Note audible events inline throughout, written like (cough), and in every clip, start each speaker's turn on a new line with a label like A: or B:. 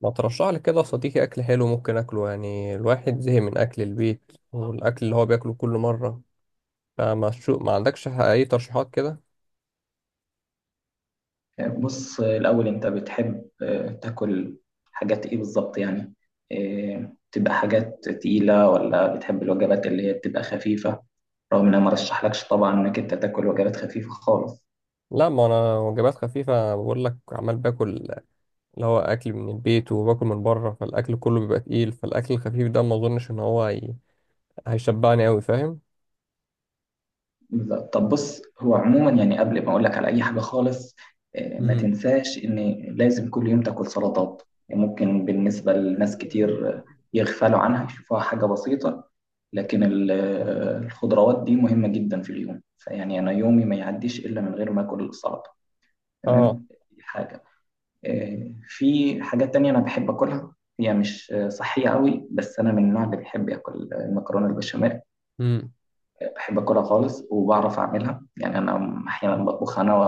A: ما ترشح لي كده يا صديقي اكل حلو ممكن اكله؟ يعني الواحد زهق من اكل البيت والاكل اللي هو بياكله كل مره. فما شو، ما عندكش اي ترشيحات كده؟
B: بص، الأول أنت بتحب تاكل حاجات إيه بالظبط يعني؟ تبقى حاجات تقيلة ولا بتحب الوجبات اللي هي بتبقى خفيفة؟ رغم إن أنا مرشحلكش طبعا إنك أنت تاكل وجبات خفيفة خالص.
A: لا، ما انا وجبات خفيفه بقول لك، عمال باكل اللي هو اكل من البيت وباكل من بره، فالاكل كله بيبقى تقيل، فالاكل الخفيف ده ما اظنش ان هو هيشبعني قوي، فاهم؟
B: بالظبط. طب بص هو عموما يعني قبل ما أقولك على أي حاجة خالص، ما
A: امم.
B: تنساش إن لازم كل يوم تاكل سلطات. يعني ممكن بالنسبة لناس كتير يغفلوا عنها يشوفوها حاجة بسيطة، لكن الخضروات دي مهمة جدا في اليوم، فيعني أنا يومي ما يعديش إلا من غير ما آكل السلطة.
A: اه.
B: تمام، دي حاجة. في حاجات تانية أنا بحب آكلها، هي مش صحية قوي، بس أنا من النوع اللي بيحب ياكل المكرونة البشاميل.
A: امم.
B: بحب آكلها خالص، وبعرف أعملها، يعني أنا أحيانا بطبخها أنا و-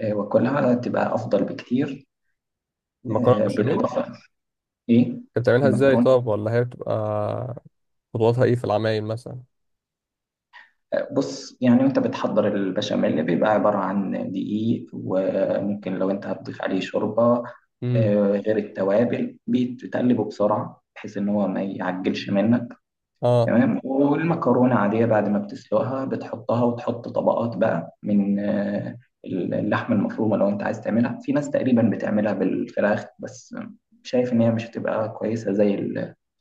B: آه، وآكلها تبقى أفضل بكتير.
A: المكرونه البشاميل
B: بالإضافة. إيه
A: انت بتعملها ازاي
B: المكرونة؟
A: طب؟ ولا هي بتبقى خطواتها ايه في العمايل مثلا؟
B: بص، يعني وانت بتحضر البشاميل بيبقى عبارة عن دقيق، وممكن لو انت هتضيف عليه شوربة
A: امم.
B: غير التوابل، بتقلبه بسرعة بحيث ان هو ما يعجلش منك.
A: اه.
B: تمام، والمكرونة عادية بعد ما بتسلقها بتحطها، وتحط طبقات بقى من اللحمة المفرومة. لو انت عايز تعملها، في ناس تقريبا بتعملها بالفراخ بس، شايف ان هي مش هتبقى كويسة زي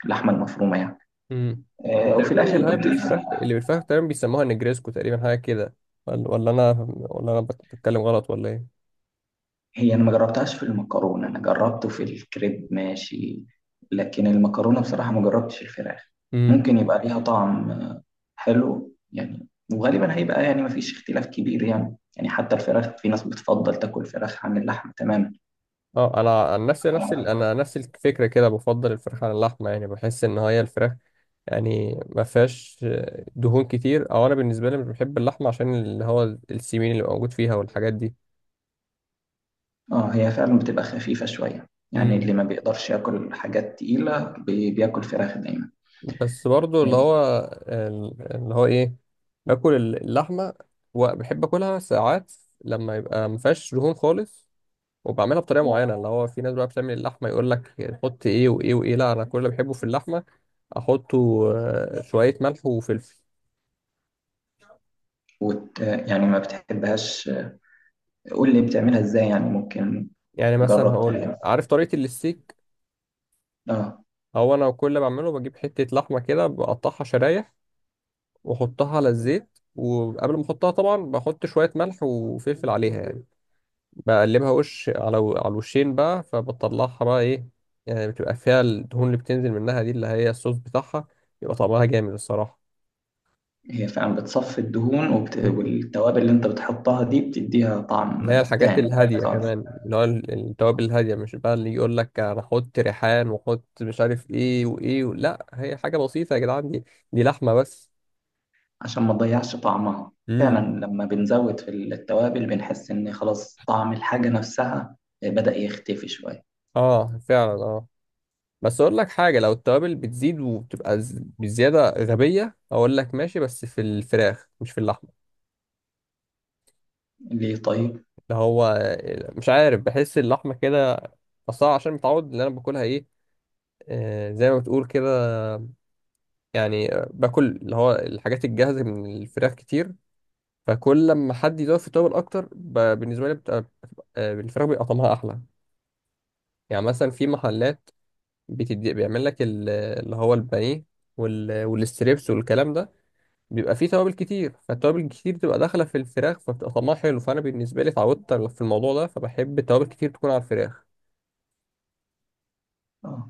B: اللحمة المفرومة يعني.
A: امم.
B: وفي
A: تقريبا
B: الاخر بتضيف.
A: اللي بالفراخ تقريبا بيسموها نجريسكو، تقريبا حاجه كده. ولا انا بتكلم غلط ولا ايه؟
B: هي انا ما جربتهاش في المكرونه، انا جربته في الكريب ماشي، لكن المكرونه بصراحه ما جربتش الفراخ.
A: امم.
B: ممكن يبقى ليها طعم حلو يعني، وغالبا هيبقى يعني ما فيش اختلاف كبير، يعني حتى الفراخ في ناس بتفضل تاكل فراخ عن اللحم تماما.
A: اه، انا عن نفسي، انا نفس الفكره كده، بفضل الفراخ على اللحمه، يعني بحس ان هي الفراخ يعني ما فيهاش دهون كتير، او انا بالنسبه لي مش بحب اللحمه عشان اللي هو السمين اللي موجود فيها والحاجات دي.
B: اه، هي فعلا بتبقى خفيفه شويه، يعني
A: امم.
B: اللي ما بيقدرش ياكل حاجات تقيله بياكل فراخ دايما.
A: بس برضو اللي هو ايه، باكل اللحمه وبحب اكلها ساعات لما يبقى ما فيهاش دهون خالص. وبعملها بطريقه معينه. اللي هو في ناس بقى بتعمل اللحمه يقول لك حط ايه وايه وايه، لا انا كل اللي بحبه في اللحمه احطه، شويه ملح وفلفل.
B: يعني ما بتحبهاش، قول لي بتعملها ازاي، يعني ممكن
A: يعني مثلا
B: اجرب
A: هقول لك،
B: طريقه.
A: عارف طريقه الستيك؟
B: اه،
A: هو انا كل اللي بعمله بجيب حته لحمه كده، بقطعها شرايح واحطها على الزيت، وقبل ما احطها طبعا بحط شويه ملح وفلفل عليها يعني، بقلبها وش على الوشين بقى، فبطلعها بقى ايه. يعني بتبقى فيها الدهون اللي بتنزل منها دي اللي هي الصوص بتاعها، يبقى طعمها جامد الصراحه.
B: هي فعلا بتصفي الدهون والتوابل اللي انت بتحطها دي بتديها
A: اللي هي
B: طعم
A: الحاجات
B: تاني
A: الهادية
B: خالص،
A: كمان، التوابل الهادية، مش بقى اللي يقول لك أنا أحط ريحان وأحط مش عارف إيه وإيه لا هي حاجة بسيطة يا جدعان دي. دي لحمة بس.
B: عشان ما تضيعش طعمها. فعلا
A: امم.
B: لما بنزود في التوابل بنحس ان خلاص طعم الحاجة نفسها بدأ يختفي شوية.
A: آه فعلا آه. بس أقول لك حاجة، لو التوابل بتزيد وبتبقى بزيادة غبية، أقول لك ماشي، بس في الفراخ مش في اللحمة.
B: ليه طيب؟
A: اللي هو مش عارف، بحس اللحمة كده أصلا عشان متعود اللي أنا باكلها إيه، زي ما بتقول كده. يعني باكل اللي هو الحاجات الجاهزة من الفراخ كتير. فكل لما حد يدور في توابل اكتر بالنسبه لي بتبقى الفراخ بيبقى طعمها احلى. يعني مثلا في محلات بيعمل لك اللي هو البانيه والستريبس والكلام ده. بيبقى فيه توابل كتير، فالتوابل الكتير بتبقى داخله في الفراخ فبتبقى طعمها حلو، فانا بالنسبه لي اتعودت في الموضوع ده فبحب التوابل كتير تكون على الفراخ.
B: اه،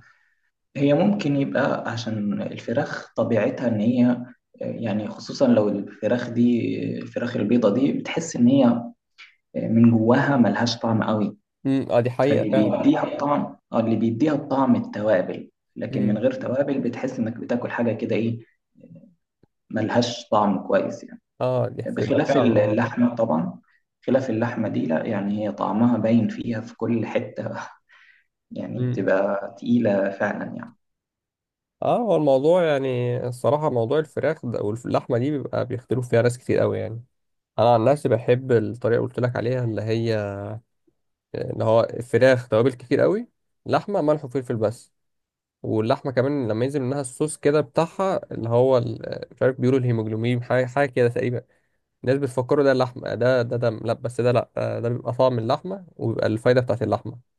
B: هي ممكن يبقى عشان الفراخ طبيعتها ان هي، يعني خصوصا لو الفراخ دي، الفراخ البيضة دي بتحس ان هي من جواها ملهاش طعم قوي.
A: امم. اه، دي حقيقه
B: فاللي
A: فعلا.
B: بيديها الطعم اه اللي بيديها الطعم التوابل، لكن من
A: امم.
B: غير توابل بتحس انك بتاكل حاجه كده، ايه ملهاش طعم كويس يعني.
A: اه، دي حقيقة
B: بخلاف
A: فعلا اه.
B: اللحمه طبعا، خلاف اللحمه دي لا، يعني هي طعمها باين فيها في كل حته (laughs) يعني
A: امم.
B: بتبقى تقيله فعلا يعني.
A: اه، هو الموضوع يعني الصراحه، موضوع الفراخ ده واللحمه دي بيبقى بيختلف فيها ناس كتير قوي يعني. انا عن نفسي بحب الطريقه اللي قلت لك عليها، اللي هو الفراخ توابل كتير قوي، لحمه ملح وفلفل بس. واللحمه كمان لما ينزل منها الصوص كده بتاعها مش عارف، بيقولوا الهيموجلوبين حاجه حاجه كده تقريبا. الناس بتفكروا ده اللحمه، ده دم، لا بس ده، لا، ده بيبقى طعم اللحمه وبيبقى الفايده بتاعت اللحمه.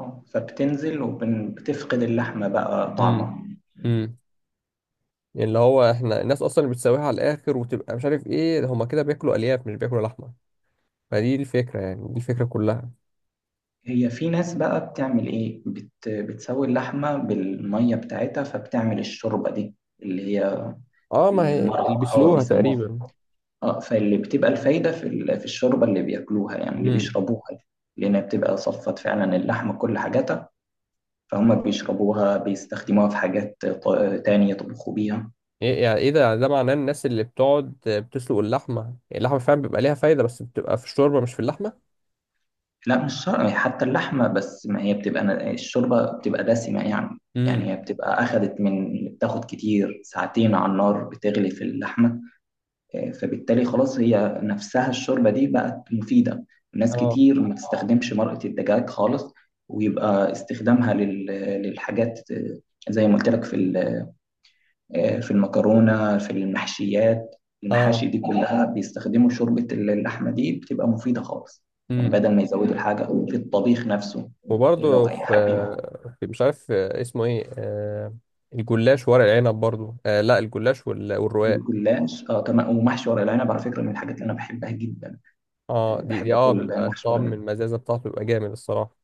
B: فبتنزل وبتفقد اللحمه بقى
A: امم.
B: طعمها.
A: امم. يعني اللي هو احنا الناس اصلا اللي بتسويها على الاخر وتبقى مش عارف ايه ده، هما كده بياكلوا الياف مش بياكلوا لحمه. فدي الفكره، يعني دي الفكره كلها.
B: هي في ناس بقى بتعمل بتسوي اللحمه بالميه بتاعتها، فبتعمل الشوربه دي اللي هي
A: اه، ما هي اللي
B: المرق او
A: بيسلوها
B: بيسموها.
A: تقريبا.
B: اه فاللي بتبقى الفايدة في في الشوربة اللي بياكلوها، يعني اللي
A: مم.
B: بيشربوها دي، لأنها بتبقى صفت فعلا اللحمة كل حاجاتها، فهم بيشربوها بيستخدموها في حاجات تانية يطبخوا بيها.
A: ايه يعني؟ ايه ده يعني؟ ده معناه الناس اللي بتقعد بتسلق اللحمه، يعني اللحمه فعلا بيبقى ليها فايده بس بتبقى في الشوربه مش في اللحمه.
B: لا مش شرط حتى اللحمة بس، ما هي بتبقى الشوربة بتبقى دسمة يعني. يعني
A: امم.
B: هي بتبقى أخدت من بتاخد كتير، ساعتين على النار بتغلي في اللحمة، فبالتالي خلاص هي نفسها الشوربة دي بقت مفيدة. ناس
A: اه،
B: كتير ما تستخدمش مرقة الدجاج خالص، ويبقى استخدامها للحاجات، زي ما قلت لك في ال- آه، في المكرونة، في المحشيات.
A: اه.
B: المحاشي دي كلها بيستخدموا شوربة اللحمة، دي بتبقى مفيدة خالص، يعني
A: امم.
B: بدل ما يزودوا الحاجة في الطبيخ نفسه. لو
A: وبرضه في
B: هيحبي
A: في مش عارف اسمه ايه، الجلاش ورق العنب برضه. آه لا، الجلاش والرقاق.
B: الجلاش، كمان ومحشي ورق العنب على فكرة من الحاجات اللي أنا بحبها جدا.
A: اه، دي
B: بحب
A: دي اه
B: أكل
A: بيبقى
B: محشي ورق
A: الطعم
B: العنب،
A: المزازه بتاعته بيبقى جامد الصراحه.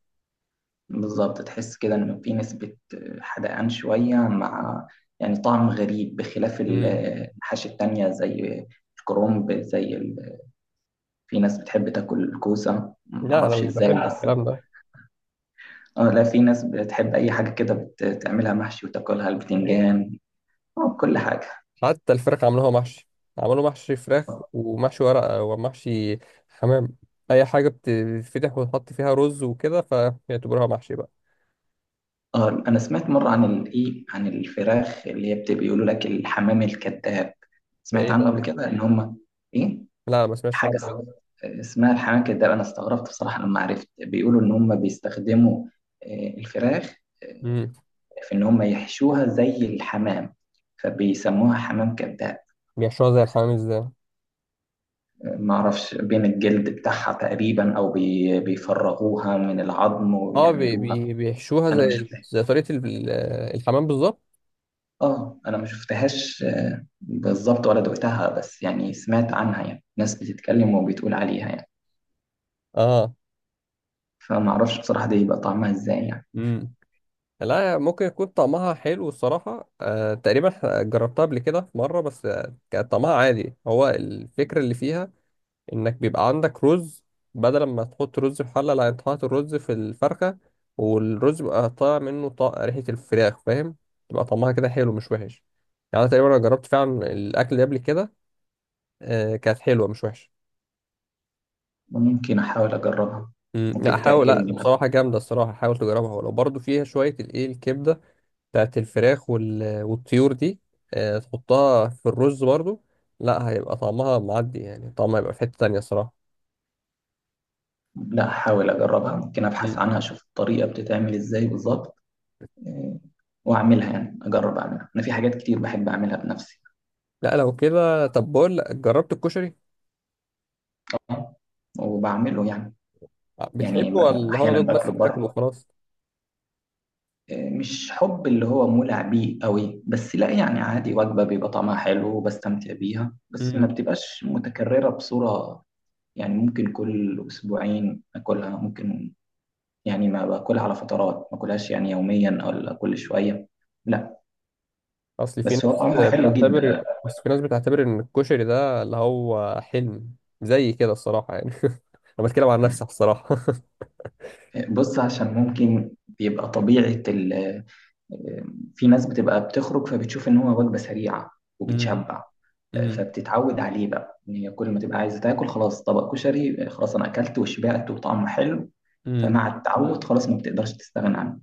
B: بالظبط تحس كده إن في نسبة حدقان شوية، مع يعني طعم غريب بخلاف
A: امم.
B: المحاشي التانية زي الكرنب، في ناس بتحب تاكل الكوسة
A: لا، انا
B: معرفش
A: مش
B: ازاي،
A: بحب
B: بس
A: الكلام ده.
B: اه، لا في ناس بتحب أي حاجة كده بتعملها محشي وتاكلها، البتنجان، كل حاجة.
A: حتى الفراخ عملوها محشي. عملوا محشي فراخ
B: اه،
A: ومحشي ورقة ومحشي حمام. أي حاجة بتتفتح وتحط فيها رز وكده فيعتبروها محشي بقى.
B: انا سمعت مره عن عن الفراخ اللي هي بيقولوا لك الحمام الكذاب،
A: ده
B: سمعت
A: إيه ده؟
B: عنه قبل كده ان هم، ايه
A: لا، أنا ما سمعتش
B: حاجه
A: عنه، إيه ده؟
B: اسمها الحنكه. ده انا استغربت بصراحه لما عرفت بيقولوا ان هم بيستخدموا الفراخ
A: مم.
B: في ان هم يحشوها زي الحمام، فبيسموها حمام كذاب.
A: بيحشوها زي الحمام إزاي؟
B: ما اعرفش، بين الجلد بتاعها تقريبا، او بيفرغوها من العظم
A: أه، بي
B: ويعملوها.
A: بي بيحشوها
B: انا
A: زي
B: ما شفتها
A: زي طريقة الحمام بالظبط؟
B: اه انا ما شفتهاش بالظبط ولا دقتها، بس يعني سمعت عنها، يعني ناس بتتكلم وبتقول عليها يعني،
A: أه.
B: فما اعرفش بصراحه دي يبقى طعمها ازاي يعني.
A: مم. لا، ممكن يكون طعمها حلو الصراحة، تقريبا جربتها قبل كده في مرة بس كان طعمها عادي. هو الفكرة اللي فيها انك بيبقى عندك رز، بدل ما تحط رز في حله، لا انت حاطط الرز في الفرخه، والرز بيبقى طالع منه ريحه الفراخ، فاهم؟ تبقى طعمها كده حلو مش وحش. يعني أنا تقريبا جربت فعلا الاكل ده قبل كده. آه، كانت حلوه مش وحشه.
B: وممكن احاول اجربها،
A: مم، لا
B: ممكن
A: حاول، لا
B: تعجبني.
A: بصراحه جامده الصراحه، حاول تجربها، ولو برضو فيها شويه الايه الكبده بتاعت الفراخ والطيور دي. آه، تحطها في الرز برضو. لا هيبقى طعمها معدي، يعني طعمها هيبقى في حته تانيه الصراحه.
B: لا هحاول أجربها، ممكن أبحث
A: مم.
B: عنها أشوف الطريقة بتتعمل إزاي بالظبط. آه، وأعملها، يعني أجرب أعملها أنا، في حاجات كتير بحب أعملها بنفسي،
A: لا لو كده، طب بقول لك، جربت الكشري؟
B: وبعمله يعني يعني
A: بتحبه
B: ب-
A: ولا هو
B: أحيانا
A: دوك بس
B: باكله
A: بتاكله
B: بره،
A: وخلاص؟
B: مش حب اللي هو مولع بيه قوي، بس لا يعني عادي، وجبة بيبقى طعمها حلو وبستمتع بيها، بس ما
A: امم.
B: بتبقاش متكررة بصورة، يعني ممكن كل أسبوعين أكلها، ممكن يعني ما باكلها على فترات، ما أكلهاش يعني يوميا أو كل شوية، لا.
A: اصل في
B: بس هو
A: ناس
B: طعمه حلو
A: بتعتبر
B: جدا.
A: بس في ناس بتعتبر ان الكشري ده اللي هو حلم، زي كده الصراحه يعني. (laughs) انا بتكلم عن نفسي الصراحه.
B: بص عشان ممكن بيبقى طبيعة ال آه، في ناس بتبقى بتخرج فبتشوف إن هو وجبة سريعة،
A: (laughs) امم.
B: وبتشبع،
A: امم.
B: فبتتعود عليه بقى إن هي كل ما تبقى عايزة تاكل خلاص طبق كشري، خلاص أنا أكلت وشبعت وطعمه حلو،
A: امم.
B: فمع التعود خلاص ما بتقدرش تستغنى عنه.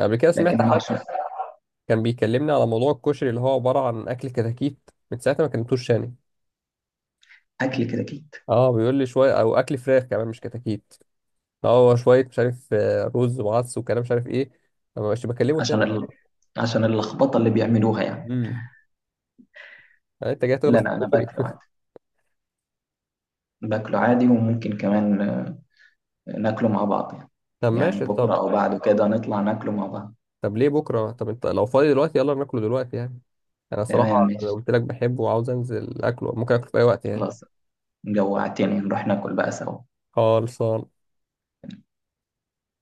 A: قبل كده
B: لكن
A: سمعت
B: هو
A: حد
B: عشان
A: كان بيكلمني على موضوع الكشري، اللي هو عباره عن اكل كتاكيت. من ساعتها ما كلمتوش تاني.
B: أكل كده أكيد،
A: اه، بيقول لي شويه، او اكل فراخ كمان مش كتاكيت. هو شويه مش عارف رز وعدس وكلام مش عارف ايه. ما بقاش بكلمه
B: عشان
A: تاني.
B: ال... عشان اللخبطة اللي بيعملوها يعني.
A: امم. يعني انت جاي
B: لا
A: تغلط في
B: لا، أنا باكله
A: الكشري؟
B: عادي، باكله عادي، وممكن كمان ناكله مع بعض يعني،
A: (laughs) طب
B: يعني
A: ماشي
B: بكرة
A: طب.
B: أو بعده كده نطلع ناكله مع بعض.
A: طب ليه بكره؟ طب انت لو فاضي دلوقتي يلا ناكله دلوقتي يعني. انا صراحه،
B: تمام
A: لو
B: ماشي،
A: قلت لك بحبه وعاوز انزل اكله، ممكن اكله في اي وقت يعني.
B: خلاص جوعتني نروح ناكل بقى سوا.
A: خالص.